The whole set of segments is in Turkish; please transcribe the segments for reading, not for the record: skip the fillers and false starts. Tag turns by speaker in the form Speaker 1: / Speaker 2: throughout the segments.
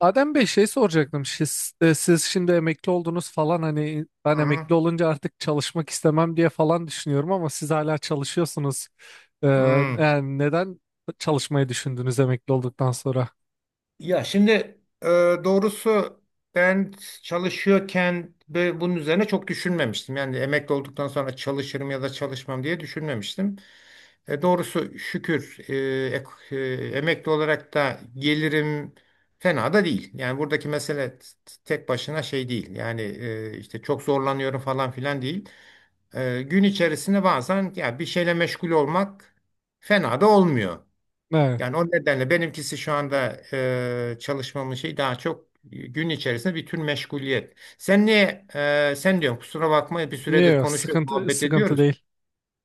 Speaker 1: Adem Bey şey soracaktım. Siz, siz şimdi emekli oldunuz falan hani
Speaker 2: Hı
Speaker 1: ben
Speaker 2: hı.
Speaker 1: emekli olunca artık çalışmak istemem diye falan düşünüyorum ama siz hala çalışıyorsunuz. Ee,
Speaker 2: Hı.
Speaker 1: Yani neden çalışmayı düşündünüz emekli olduktan sonra?
Speaker 2: Ya şimdi, Ee, doğrusu ben çalışıyorken ve bunun üzerine çok düşünmemiştim. Yani emekli olduktan sonra çalışırım ya da çalışmam diye düşünmemiştim. Doğrusu şükür, ek- emekli olarak da gelirim fena da değil. Yani buradaki mesele tek başına şey değil. Yani işte çok zorlanıyorum falan filan değil. Gün içerisinde bazen ya bir şeyle meşgul olmak fena da olmuyor.
Speaker 1: Evet.
Speaker 2: Yani o nedenle benimkisi şu anda çalışmamın şeyi daha çok gün içerisinde bir tür meşguliyet. Sen diyorsun, kusura bakma bir süredir
Speaker 1: Yo,
Speaker 2: konuşuyoruz,
Speaker 1: sıkıntı
Speaker 2: muhabbet
Speaker 1: sıkıntı
Speaker 2: ediyoruz.
Speaker 1: değil.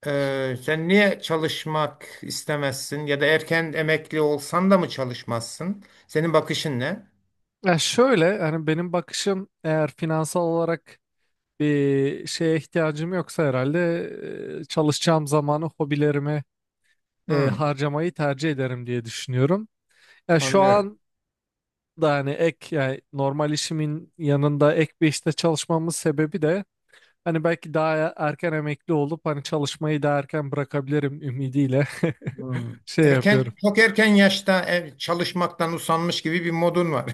Speaker 2: Sen niye çalışmak istemezsin ya da erken emekli olsan da mı çalışmazsın? Senin bakışın ne?
Speaker 1: Ya şöyle hani benim bakışım eğer finansal olarak bir şeye ihtiyacım yoksa herhalde çalışacağım zamanı hobilerime
Speaker 2: Hmm,
Speaker 1: harcamayı tercih ederim diye düşünüyorum. Ya şu
Speaker 2: anlıyorum.
Speaker 1: an da hani ek yani normal işimin yanında ek bir işte çalışmamın sebebi de hani belki daha erken emekli olup hani çalışmayı daha erken bırakabilirim ümidiyle
Speaker 2: Hmm.
Speaker 1: şey yapıyorum.
Speaker 2: Erken, çok erken yaşta çalışmaktan usanmış gibi bir modun var.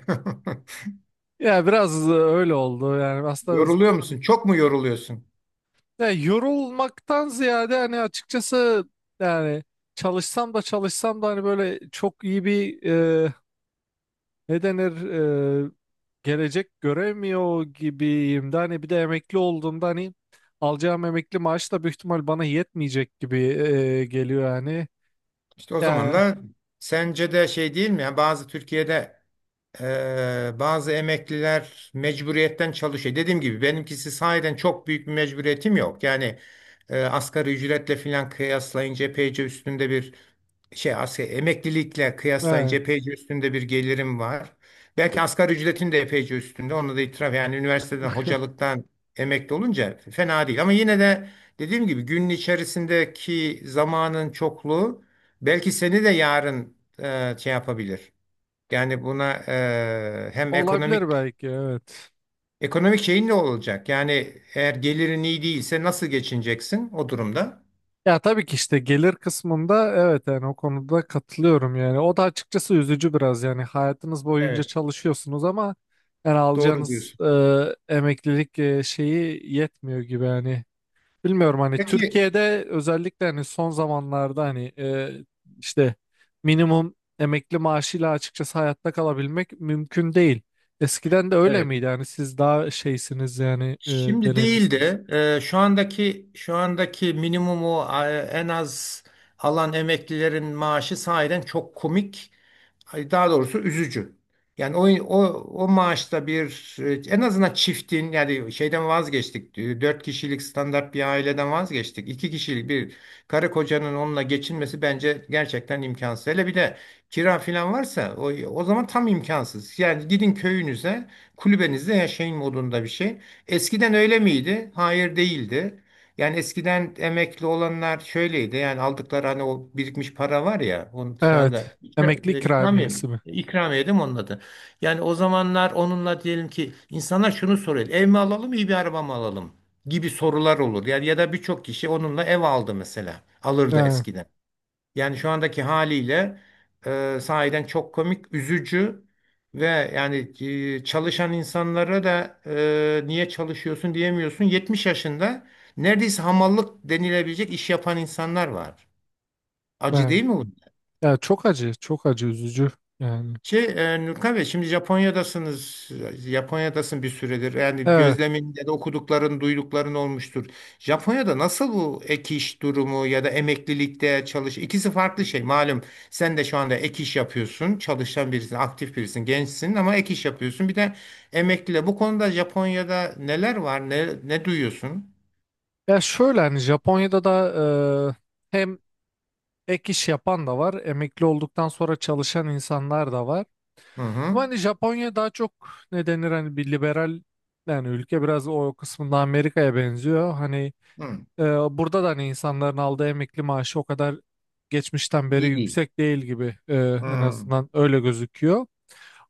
Speaker 1: Ya biraz öyle oldu yani aslında
Speaker 2: Yoruluyor musun? Çok mu yoruluyorsun?
Speaker 1: ya yorulmaktan ziyade hani açıkçası yani çalışsam da çalışsam da hani böyle çok iyi bir e, ne denir gelecek göremiyor gibiyim de hani bir de emekli olduğumda hani alacağım emekli maaş da büyük ihtimal bana yetmeyecek gibi geliyor yani.
Speaker 2: İşte o zaman
Speaker 1: Yani
Speaker 2: da sence de şey değil mi? Yani bazı Türkiye'de, bazı emekliler mecburiyetten çalışıyor. Dediğim gibi benimkisi sahiden çok büyük bir mecburiyetim yok. Yani asgari ücretle filan kıyaslayınca epeyce üstünde bir şey, asgari emeklilikle
Speaker 1: e,
Speaker 2: kıyaslayınca epeyce üstünde bir gelirim var. Belki asgari ücretin de epeyce üstünde. Onu da itiraf, yani üniversiteden hocalıktan emekli olunca fena değil. Ama yine de dediğim gibi günün içerisindeki zamanın çokluğu belki seni de yarın şey yapabilir. Yani buna, hem
Speaker 1: olabilir
Speaker 2: ekonomik
Speaker 1: belki evet.
Speaker 2: şeyin ne olacak? Yani eğer gelirin iyi değilse nasıl geçineceksin o durumda?
Speaker 1: Ya tabii ki işte gelir kısmında evet yani o konuda katılıyorum yani. O da açıkçası üzücü biraz yani hayatınız boyunca
Speaker 2: Evet.
Speaker 1: çalışıyorsunuz ama yani
Speaker 2: Doğru
Speaker 1: alacağınız
Speaker 2: diyorsun.
Speaker 1: emeklilik şeyi yetmiyor gibi yani. Bilmiyorum hani
Speaker 2: Peki.
Speaker 1: Türkiye'de özellikle hani son zamanlarda hani işte minimum emekli maaşıyla açıkçası hayatta kalabilmek mümkün değil. Eskiden de öyle
Speaker 2: Evet.
Speaker 1: miydi? Yani siz daha şeysiniz yani
Speaker 2: Şimdi değil
Speaker 1: deneyimlisiniz.
Speaker 2: de, şu andaki minimumu, en az alan emeklilerin maaşı sahiden çok komik, ay, daha doğrusu üzücü. Yani o, o, o maaşta bir, en azından çiftin, yani şeyden vazgeçtik. Dört kişilik standart bir aileden vazgeçtik. İki kişilik bir karı kocanın onunla geçinmesi bence gerçekten imkansız. Hele bir de kira falan varsa o zaman tam imkansız. Yani gidin köyünüze, kulübenizde yaşayın modunda bir şey. Eskiden öyle miydi? Hayır, değildi. Yani eskiden emekli olanlar şöyleydi. Yani aldıkları, hani o birikmiş para var ya. Onu şu anda
Speaker 1: Evet. Emekli
Speaker 2: ikramiye
Speaker 1: ikramiyesi
Speaker 2: mi?
Speaker 1: mi?
Speaker 2: İkramiye değil mi onun adı? Yani o zamanlar onunla diyelim ki insanlar şunu soruyor. Ev mi alalım, iyi bir araba mı alalım? Gibi sorular olur. Yani ya da birçok kişi onunla ev aldı mesela. Alırdı
Speaker 1: Evet.
Speaker 2: eskiden. Yani şu andaki haliyle sahiden çok komik, üzücü ve yani çalışan insanlara da niye çalışıyorsun diyemiyorsun. 70 yaşında neredeyse hamallık denilebilecek iş yapan insanlar var. Acı
Speaker 1: Evet.
Speaker 2: değil mi bu?
Speaker 1: Ya çok acı, çok acı üzücü yani.
Speaker 2: Şey, Nurkan Bey, şimdi Japonya'dasınız. Japonya'dasın bir süredir. Yani
Speaker 1: Evet.
Speaker 2: gözlemin ya da okudukların, duydukların olmuştur. Japonya'da nasıl bu ek iş durumu ya da emeklilikte çalış? İkisi farklı şey. Malum sen de şu anda ek iş yapıyorsun. Çalışan birisin, aktif birisin, gençsin ama ek iş yapıyorsun. Bir de emekliyle. Bu konuda Japonya'da neler var? Ne duyuyorsun?
Speaker 1: Ya şöyle hani Japonya'da da hem ek iş yapan da var, emekli olduktan sonra çalışan insanlar da var.
Speaker 2: Hı
Speaker 1: Ama
Speaker 2: hı.
Speaker 1: hani Japonya daha çok ne denir hani bir liberal yani ülke biraz o kısmında Amerika'ya benziyor. Hani
Speaker 2: Hı.
Speaker 1: e, burada da hani insanların aldığı emekli maaşı o kadar geçmişten beri
Speaker 2: İyi değil.
Speaker 1: yüksek değil gibi en
Speaker 2: Hı.
Speaker 1: azından öyle gözüküyor.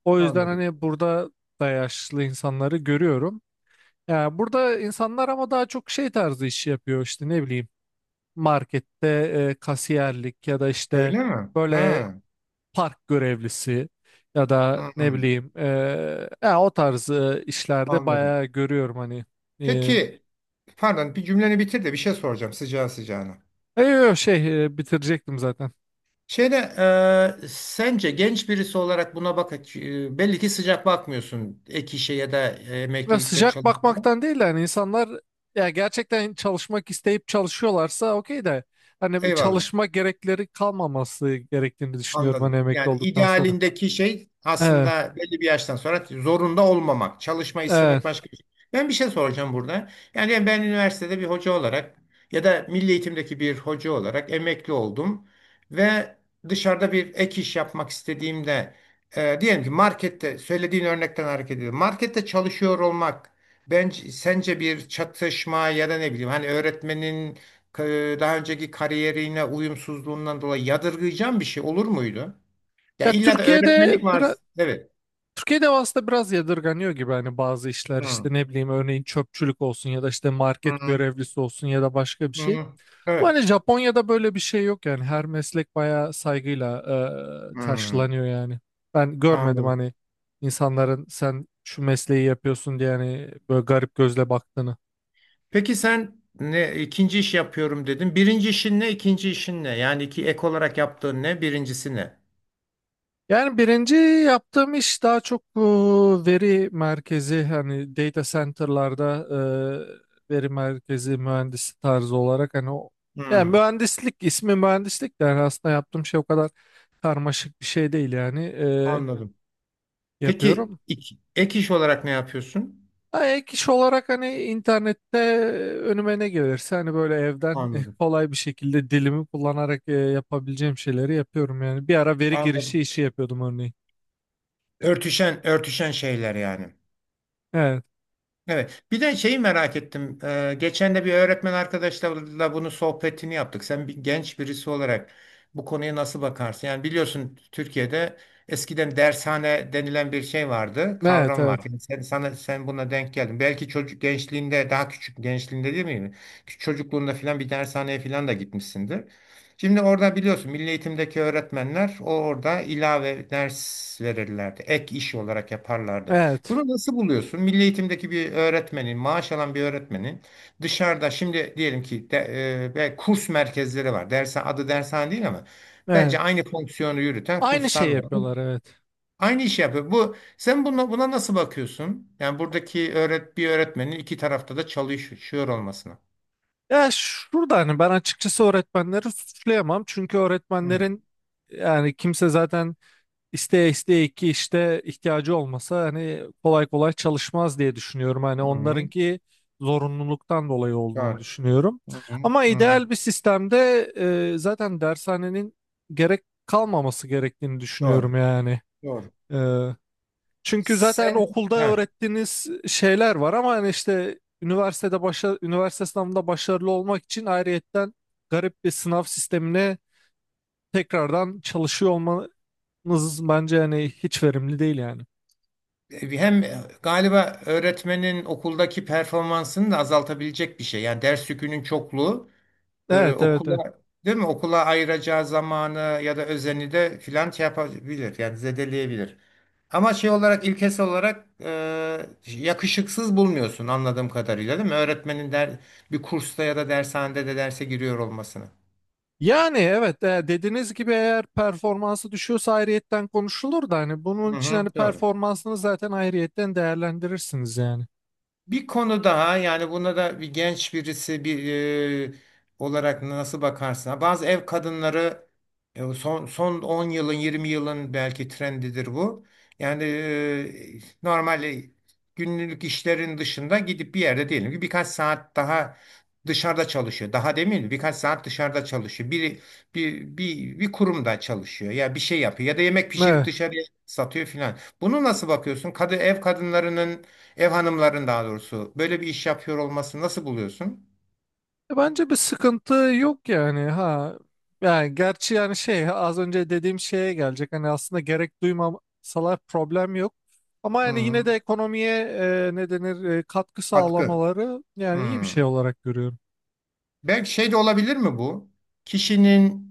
Speaker 1: O yüzden
Speaker 2: Anladım.
Speaker 1: hani burada da yaşlı insanları görüyorum. Yani burada insanlar ama daha çok şey tarzı iş yapıyor işte ne bileyim markette kasiyerlik ya da işte
Speaker 2: Öyle mi?
Speaker 1: böyle
Speaker 2: Ha.
Speaker 1: park görevlisi ya da
Speaker 2: Hı hı.
Speaker 1: ne bileyim ya o tarz işlerde
Speaker 2: Anladım.
Speaker 1: bayağı görüyorum hani. Eee
Speaker 2: Peki. Pardon, bir cümleni bitir de bir şey soracağım sıcağı sıcağına.
Speaker 1: e, yo, şey bitirecektim zaten.
Speaker 2: Şeyde Sence genç birisi olarak buna bak, belli ki sıcak bakmıyorsun ek işe ya da
Speaker 1: Ya
Speaker 2: emeklilikte
Speaker 1: sıcak
Speaker 2: çalışma.
Speaker 1: bakmaktan değil de hani insanlar ya gerçekten çalışmak isteyip çalışıyorlarsa okey de hani bir
Speaker 2: Eyvallah.
Speaker 1: çalışma gerekleri kalmaması gerektiğini düşünüyorum
Speaker 2: Anladım.
Speaker 1: hani emekli
Speaker 2: Yani
Speaker 1: olduktan sonra.
Speaker 2: idealindeki şey
Speaker 1: Evet,
Speaker 2: aslında belli bir yaştan sonra zorunda olmamak, çalışma
Speaker 1: evet.
Speaker 2: istemek başka bir şey. Ben bir şey soracağım burada. Yani ben üniversitede bir hoca olarak ya da milli eğitimdeki bir hoca olarak emekli oldum ve dışarıda bir ek iş yapmak istediğimde diyelim ki markette söylediğin örnekten hareket ediyorum. Markette çalışıyor olmak bence, sence bir çatışma ya da ne bileyim hani öğretmenin daha önceki kariyerine uyumsuzluğundan dolayı yadırgayacağın bir şey olur muydu? Ya
Speaker 1: Ya
Speaker 2: illa da
Speaker 1: Türkiye'de
Speaker 2: öğretmenlik
Speaker 1: bir.
Speaker 2: var. Evet.
Speaker 1: Türkiye'de aslında biraz yadırganıyor gibi hani bazı işler
Speaker 2: Hı,
Speaker 1: işte ne bileyim örneğin çöpçülük olsun ya da işte market
Speaker 2: hı,
Speaker 1: görevlisi olsun ya da başka bir şey.
Speaker 2: hı.
Speaker 1: Bu
Speaker 2: Evet.
Speaker 1: hani Japonya'da böyle bir şey yok yani her meslek bayağı saygıyla
Speaker 2: Hı,
Speaker 1: karşılanıyor yani. Ben görmedim
Speaker 2: anladım.
Speaker 1: hani insanların sen şu mesleği yapıyorsun diye hani böyle garip gözle baktığını.
Speaker 2: Peki, sen ne, ikinci iş yapıyorum dedin. Birinci işin ne, ikinci işin ne? Yani iki ek olarak yaptığın ne, birincisi ne?
Speaker 1: Yani birinci yaptığım iş daha çok veri merkezi hani data center'larda veri merkezi mühendisi tarzı olarak hani o yani
Speaker 2: Hı,
Speaker 1: mühendislik ismi mühendislik de yani aslında yaptığım şey o kadar karmaşık bir şey değil yani
Speaker 2: anladım. Peki,
Speaker 1: yapıyorum.
Speaker 2: ek iş olarak ne yapıyorsun?
Speaker 1: Ha, ek iş olarak hani internette önüme ne gelirse hani böyle evden
Speaker 2: Anladım.
Speaker 1: kolay bir şekilde dilimi kullanarak yapabileceğim şeyleri yapıyorum yani. Bir ara veri girişi
Speaker 2: Anladım.
Speaker 1: işi yapıyordum örneğin.
Speaker 2: Örtüşen, örtüşen şeyler yani.
Speaker 1: Evet.
Speaker 2: Evet. Bir de şeyi merak ettim. Geçen de bir öğretmen arkadaşlarla bunu sohbetini yaptık. Sen bir genç birisi olarak bu konuya nasıl bakarsın? Yani biliyorsun Türkiye'de eskiden dershane denilen bir şey vardı,
Speaker 1: Evet,
Speaker 2: kavram vardı.
Speaker 1: evet.
Speaker 2: Yani sen buna denk geldin. Belki çocuk gençliğinde, daha küçük gençliğinde değil mi? Küçük çocukluğunda filan bir dershaneye filan da gitmişsindir. Şimdi orada biliyorsun milli eğitimdeki öğretmenler o orada ilave ders verirlerdi. Ek iş olarak yaparlardı.
Speaker 1: Evet.
Speaker 2: Bunu nasıl buluyorsun? Milli eğitimdeki bir öğretmenin, maaş alan bir öğretmenin dışarıda, şimdi diyelim ki de, ve kurs merkezleri var. Dersen adı dershane değil ama
Speaker 1: Evet.
Speaker 2: bence aynı fonksiyonu yürüten
Speaker 1: Aynı
Speaker 2: kurslar
Speaker 1: şey
Speaker 2: var.
Speaker 1: yapıyorlar
Speaker 2: Bu
Speaker 1: evet.
Speaker 2: aynı işi yapıyor. Bu sen buna nasıl bakıyorsun? Yani buradaki bir öğretmenin iki tarafta da çalışıyor olmasına.
Speaker 1: Ya şurada hani ben açıkçası öğretmenleri suçlayamam. Çünkü
Speaker 2: Hı,
Speaker 1: öğretmenlerin yani kimse zaten isteye isteye ki işte ihtiyacı olmasa hani kolay kolay çalışmaz diye düşünüyorum. Hani
Speaker 2: hı,
Speaker 1: onlarınki zorunluluktan dolayı olduğunu
Speaker 2: doğru.
Speaker 1: düşünüyorum.
Speaker 2: Hı, hı,
Speaker 1: Ama
Speaker 2: hı.
Speaker 1: ideal bir sistemde zaten dershanenin gerek kalmaması gerektiğini
Speaker 2: Doğru.
Speaker 1: düşünüyorum yani.
Speaker 2: Doğru.
Speaker 1: E, Çünkü zaten
Speaker 2: Sen
Speaker 1: okulda
Speaker 2: Heh.
Speaker 1: öğrettiğiniz şeyler var ama hani işte üniversitede üniversite sınavında başarılı olmak için ayrıyetten garip bir sınav sistemine tekrardan çalışıyor olmanız bence hani hiç verimli değil yani.
Speaker 2: Hem galiba öğretmenin okuldaki performansını da azaltabilecek bir şey. Yani ders yükünün çokluğu
Speaker 1: Evet evet evet.
Speaker 2: okula değil mi? Okula ayıracağı zamanı ya da özeni de filan şey yapabilir. Yani zedeleyebilir. Ama şey olarak, ilkesi olarak, yakışıksız bulmuyorsun anladığım kadarıyla değil mi? Öğretmenin bir kursta ya da dershanede de derse giriyor olmasını.
Speaker 1: Yani evet dediğiniz gibi eğer performansı düşüyorsa ayrıyetten konuşulur da hani bunun
Speaker 2: Hı
Speaker 1: için
Speaker 2: hı,
Speaker 1: hani
Speaker 2: doğru.
Speaker 1: performansını zaten ayrıyetten değerlendirirsiniz yani.
Speaker 2: Bir konu daha, yani buna da bir genç birisi e, olarak nasıl bakarsın? Bazı ev kadınları, son 10 yılın, 20 yılın belki trendidir bu. Yani normal, günlük işlerin dışında gidip bir yerde diyelim ki birkaç saat daha dışarıda çalışıyor. Daha demin birkaç saat dışarıda çalışıyor. Bir kurumda çalışıyor ya bir şey yapıyor ya da yemek pişirip
Speaker 1: Evet.
Speaker 2: dışarıya satıyor filan. Bunu nasıl bakıyorsun? Ev kadınlarının, ev hanımların daha doğrusu böyle bir iş yapıyor olması nasıl buluyorsun?
Speaker 1: Bence bir sıkıntı yok yani ha. Yani gerçi yani şey az önce dediğim şeye gelecek. Hani aslında gerek duymasalar problem yok. Ama yani yine de
Speaker 2: Hmm,
Speaker 1: ekonomiye ne denir katkı
Speaker 2: katkı.
Speaker 1: sağlamaları yani iyi bir şey
Speaker 2: Hmm.
Speaker 1: olarak görüyorum.
Speaker 2: Belki şey de olabilir mi bu? Kişinin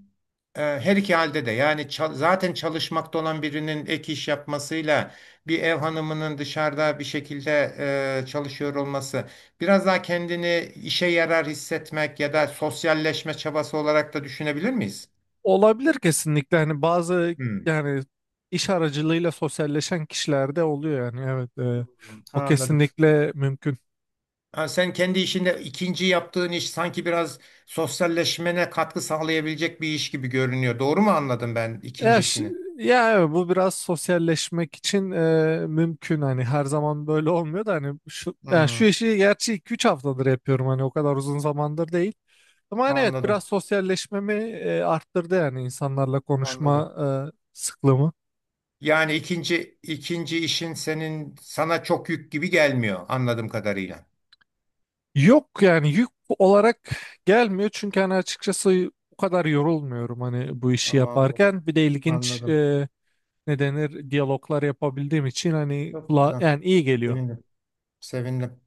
Speaker 2: her iki halde de yani zaten çalışmakta olan birinin ek iş yapmasıyla bir ev hanımının dışarıda bir şekilde çalışıyor olması biraz daha kendini işe yarar hissetmek ya da sosyalleşme çabası olarak da düşünebilir miyiz?
Speaker 1: Olabilir kesinlikle hani bazı
Speaker 2: Hmm.
Speaker 1: yani iş aracılığıyla sosyalleşen kişilerde oluyor yani evet o
Speaker 2: Anladım.
Speaker 1: kesinlikle mümkün.
Speaker 2: Ha, sen kendi işinde ikinci yaptığın iş sanki biraz sosyalleşmene katkı sağlayabilecek bir iş gibi görünüyor. Doğru mu anladım ben ikinci
Speaker 1: Ya,
Speaker 2: işini?
Speaker 1: ya evet, bu biraz sosyalleşmek için mümkün hani her zaman böyle olmuyor da hani şu yani
Speaker 2: Hmm,
Speaker 1: şu işi gerçi 2-3 haftadır yapıyorum hani o kadar uzun zamandır değil. Ama hani evet biraz
Speaker 2: anladım,
Speaker 1: sosyalleşmemi arttırdı yani insanlarla
Speaker 2: anladım.
Speaker 1: konuşma sıklığımı.
Speaker 2: Yani ikinci işin sana çok yük gibi gelmiyor anladığım kadarıyla.
Speaker 1: Yok yani yük olarak gelmiyor çünkü hani açıkçası o kadar yorulmuyorum hani bu işi
Speaker 2: Tamam,
Speaker 1: yaparken. Bir de ilginç
Speaker 2: anladım.
Speaker 1: ne denir diyaloglar yapabildiğim için hani
Speaker 2: Çok
Speaker 1: kula
Speaker 2: güzel.
Speaker 1: yani iyi geliyor.
Speaker 2: Sevindim, sevindim.